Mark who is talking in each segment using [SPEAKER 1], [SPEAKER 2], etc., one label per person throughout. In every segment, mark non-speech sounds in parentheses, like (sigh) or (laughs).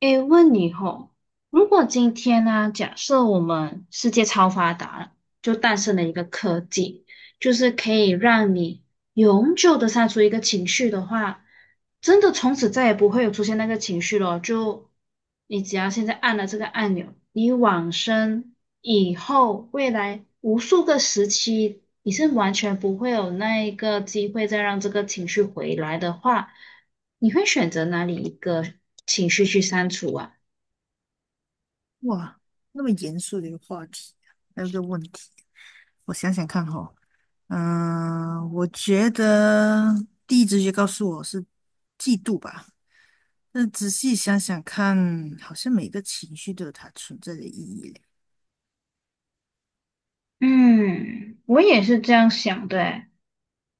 [SPEAKER 1] 诶，问你吼，如果今天呢、假设我们世界超发达了，就诞生了一个科技，就是可以让你永久的删除一个情绪的话，真的从此再也不会有出现那个情绪了。就你只要现在按了这个按钮，你往生以后，未来无数个时期，你是完全不会有那一个机会再让这个情绪回来的话，你会选择哪里一个情绪去删除啊？
[SPEAKER 2] 哇，那么严肃的一个话题，还有一个问题。我想想看哈。我觉得第一直觉告诉我是嫉妒吧，但仔细想想看，好像每个情绪都有它存在的意义嘞。
[SPEAKER 1] 嗯，我也是这样想的欸，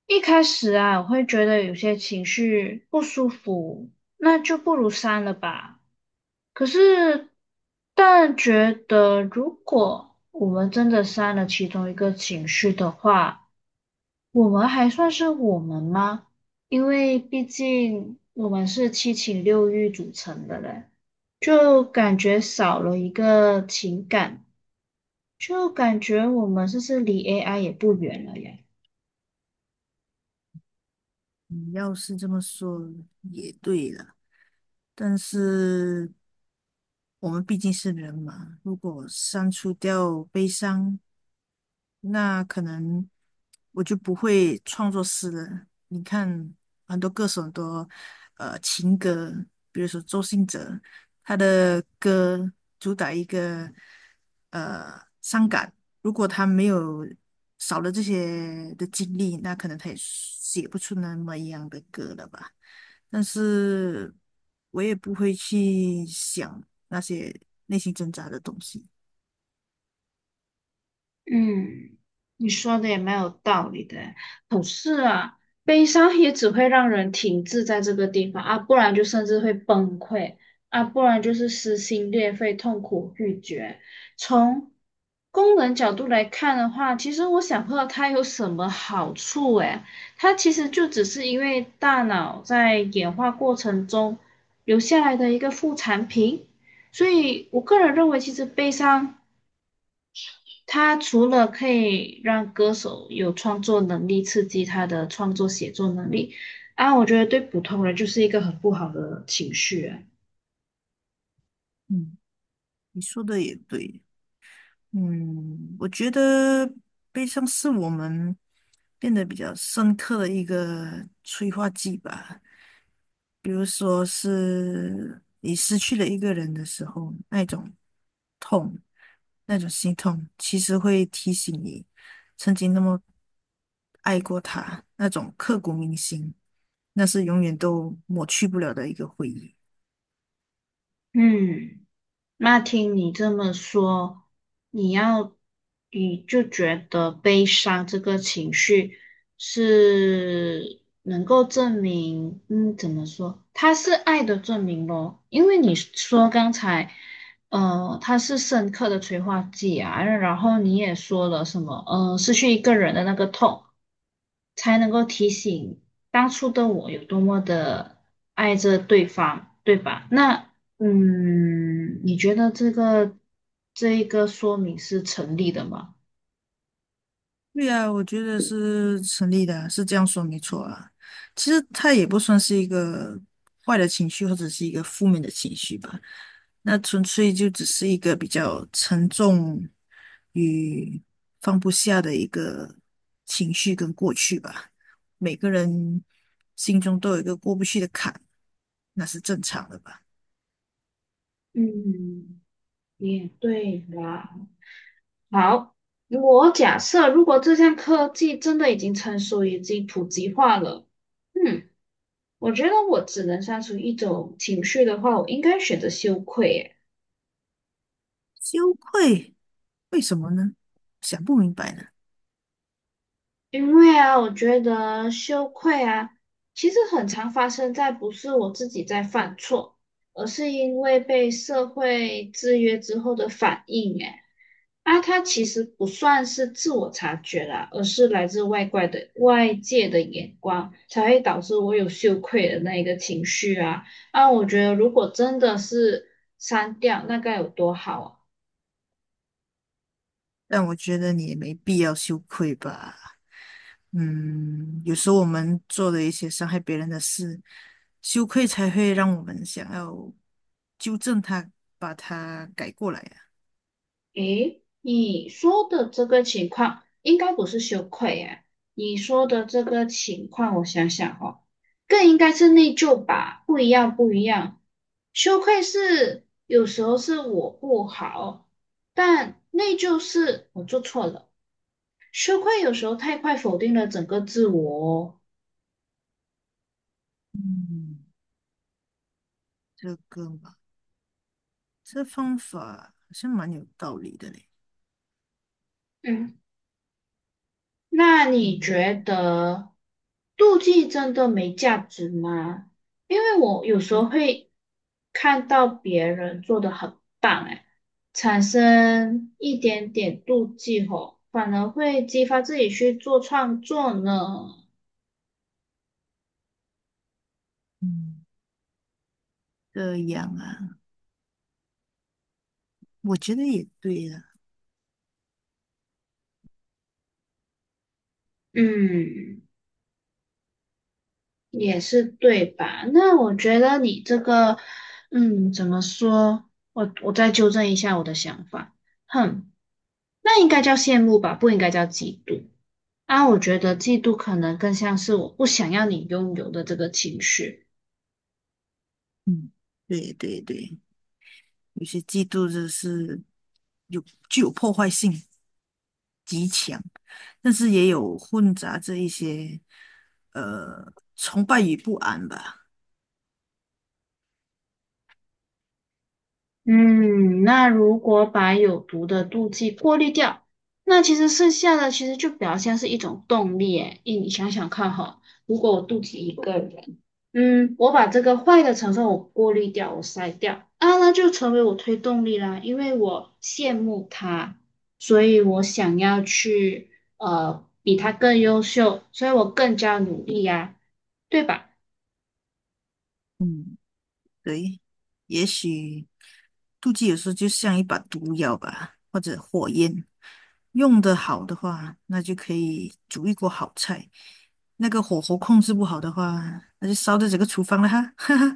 [SPEAKER 1] 一开始啊，我会觉得有些情绪不舒服，那就不如删了吧。可是，但觉得如果我们真的删了其中一个情绪的话，我们还算是我们吗？因为毕竟我们是七情六欲组成的嘞，就感觉少了一个情感，就感觉我们是不是离 AI 也不远了呀？
[SPEAKER 2] 你要是这么说也对了，但是我们毕竟是人嘛，如果删除掉悲伤。那可能我就不会创作诗了。你看，很多歌手很多情歌，比如说周兴哲，他的歌主打一个伤感。如果他没有少了这些的经历，那可能他也写不出那么一样的歌了吧。但是我也不会去想那些内心挣扎的东西。
[SPEAKER 1] 嗯，你说的也蛮有道理的诶，可是啊，悲伤也只会让人停滞在这个地方啊，不然就甚至会崩溃啊，不然就是撕心裂肺、痛苦欲绝。从功能角度来看的话，其实我想不到它有什么好处诶，它其实就只是因为大脑在演化过程中留下来的一个副产品。所以我个人认为，其实悲伤。它除了可以让歌手有创作能力，刺激他的创作写作能力啊，我觉得对普通人就是一个很不好的情绪啊。
[SPEAKER 2] 嗯，你说的也对。嗯，我觉得悲伤是我们变得比较深刻的一个催化剂吧。比如说是你失去了一个人的时候，那种痛，那种心痛，其实会提醒你曾经那么爱过他，那种刻骨铭心，那是永远都抹去不了的一个回忆。
[SPEAKER 1] 嗯。那听你这么说，你要，你就觉得悲伤这个情绪是能够证明，嗯，怎么说？它是爱的证明咯，因为你说刚才，它是深刻的催化剂啊，然后你也说了什么，嗯、失去一个人的那个痛。才能够提醒当初的我有多么的爱着对方，对吧？那嗯，你觉得这个这一个说明是成立的吗？
[SPEAKER 2] 对啊，我觉得是成立的啊，是这样说没错啊。其实它也不算是一个坏的情绪，或者是一个负面的情绪吧。那纯粹就只是一个比较沉重与放不下的一个情绪跟过去吧。每个人心中都有一个过不去的坎，那是正常的吧。
[SPEAKER 1] 嗯，也对啦。好，我假设如果这项科技真的已经成熟，已经普及化了，嗯，我觉得我只能删除一种情绪的话，我应该选择羞愧耶。
[SPEAKER 2] 羞愧，为什么呢？想不明白呢。
[SPEAKER 1] 因为啊，我觉得羞愧啊，其实很常发生在不是我自己在犯错，而是因为被社会制约之后的反应。诶，啊，它其实不算是自我察觉啦，而是来自外怪的外界的眼光，才会导致我有羞愧的那一个情绪啊。啊，我觉得如果真的是删掉，那该有多好啊！
[SPEAKER 2] 但我觉得你也没必要羞愧吧。嗯，有时候我们做的一些伤害别人的事，羞愧才会让我们想要纠正他，把他改过来呀。
[SPEAKER 1] 诶，你说的这个情况应该不是羞愧呀、你说的这个情况，我想想哦，更应该是内疚吧？不一样，不一样。羞愧是有时候是我不好，但内疚是我做错了。羞愧有时候太快否定了整个自我哦。
[SPEAKER 2] 嗯，这个嘛，这方法好像蛮有道理的嘞。
[SPEAKER 1] 嗯。那你
[SPEAKER 2] 嗯，
[SPEAKER 1] 觉得妒忌真的没价值吗？因为我有时候
[SPEAKER 2] 我
[SPEAKER 1] 会看到别人做的很棒，哎，产生一点点妒忌吼，反而会激发自己去做创作呢。
[SPEAKER 2] 嗯这样啊，我觉得也对啊。
[SPEAKER 1] 嗯，也是对吧？那我觉得你这个，嗯，怎么说？我再纠正一下我的想法。哼，那应该叫羡慕吧，不应该叫嫉妒。啊，我觉得嫉妒可能更像是我不想要你拥有的这个情绪。
[SPEAKER 2] 嗯，对对对，有些嫉妒就是有具有破坏性极强。但是也有混杂着一些崇拜与不安吧。
[SPEAKER 1] 嗯，那如果把有毒的妒忌过滤掉，那其实剩下的其实就比较像是一种动力。诶，诶你想想看哈，如果我妒忌一个人，嗯，我把这个坏的成分我过滤掉，我筛掉，啊，那就成为我推动力啦，因为我羡慕他，所以我想要去比他更优秀，所以我更加努力呀，对吧？
[SPEAKER 2] 嗯，对，也许妒忌有时候就像一把毒药吧，或者火焰，用得好的话，那就可以煮一锅好菜；那个火候控制不好的话，那就烧掉整个厨房了哈。(laughs)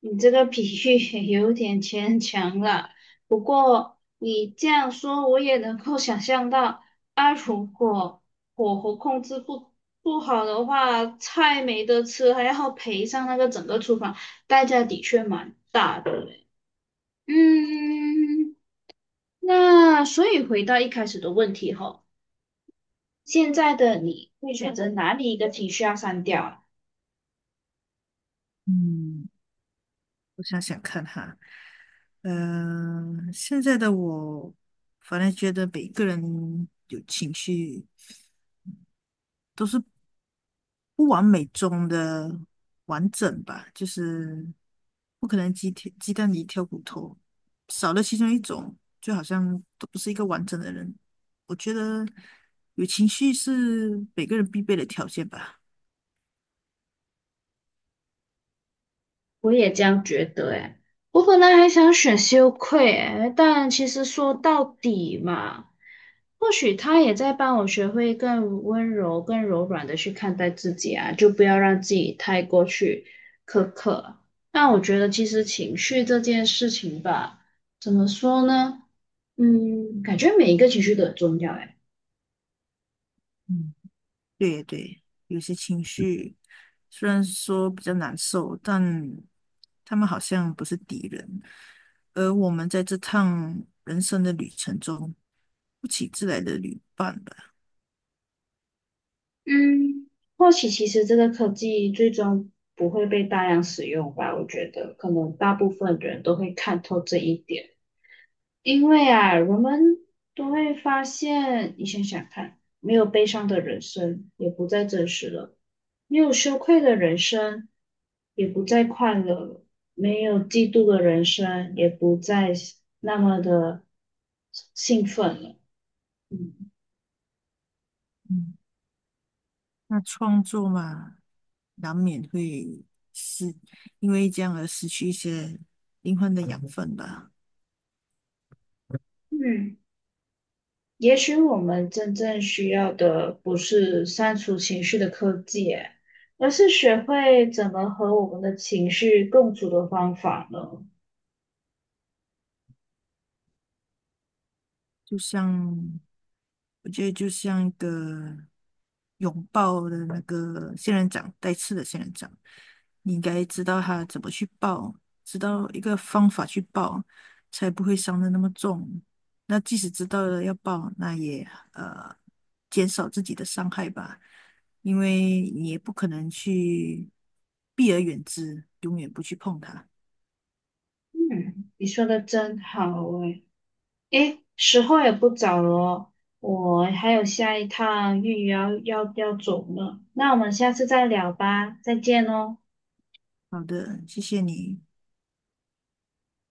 [SPEAKER 1] 你这个比喻 (laughs) 也有点牵强了，不过你这样说，我也能够想象到，啊，如果火候控制不好的话，菜没得吃，还要赔上那个整个厨房，代价的确蛮大的嘞。嗯，那所以回到一开始的问题吼，现在的你会选择哪里一个情绪要删掉啊？
[SPEAKER 2] 嗯我想想看哈。现在的我，反正觉得每个人有情绪都是不完美中的完整吧，就是不可能鸡蛋里挑骨头，少了其中一种，就好像都不是一个完整的人。我觉得有情绪是每个人必备的条件吧。
[SPEAKER 1] 我也这样觉得诶，我本来还想选羞愧诶，但其实说到底嘛，或许他也在帮我学会更温柔、更柔软的去看待自己啊，就不要让自己太过去苛刻。但我觉得其实情绪这件事情吧，怎么说呢？嗯，感觉每一个情绪都很重要诶。
[SPEAKER 2] 嗯，对对，有些情绪虽然说比较难受，但他们好像不是敌人，而我们在这趟人生的旅程中，不请自来的旅伴吧。
[SPEAKER 1] 嗯，或许其实这个科技最终不会被大量使用吧，我觉得可能大部分人都会看透这一点，因为啊，人们都会发现，你想想看，没有悲伤的人生也不再真实了，没有羞愧的人生也不再快乐了，没有嫉妒的人生也不再那么的兴奋了，嗯
[SPEAKER 2] 嗯那创作嘛，难免会失，因为这样而失去一些灵魂的养分吧。
[SPEAKER 1] 嗯。也许我们真正需要的不是删除情绪的科技，诶而是学会怎么和我们的情绪共处的方法呢？
[SPEAKER 2] 就像我觉得就像一个拥抱的那个仙人掌，带刺的仙人掌，你应该知道它怎么去抱，知道一个方法去抱，才不会伤的那么重。那即使知道了要抱，那也呃减少自己的伤害吧，因为你也不可能去避而远之，永远不去碰它。
[SPEAKER 1] 嗯，你说的真好诶。诶，时候也不早了哦，我还有下一趟预约要走呢。那我们下次再聊吧，再见哦。
[SPEAKER 2] 好的，谢谢你。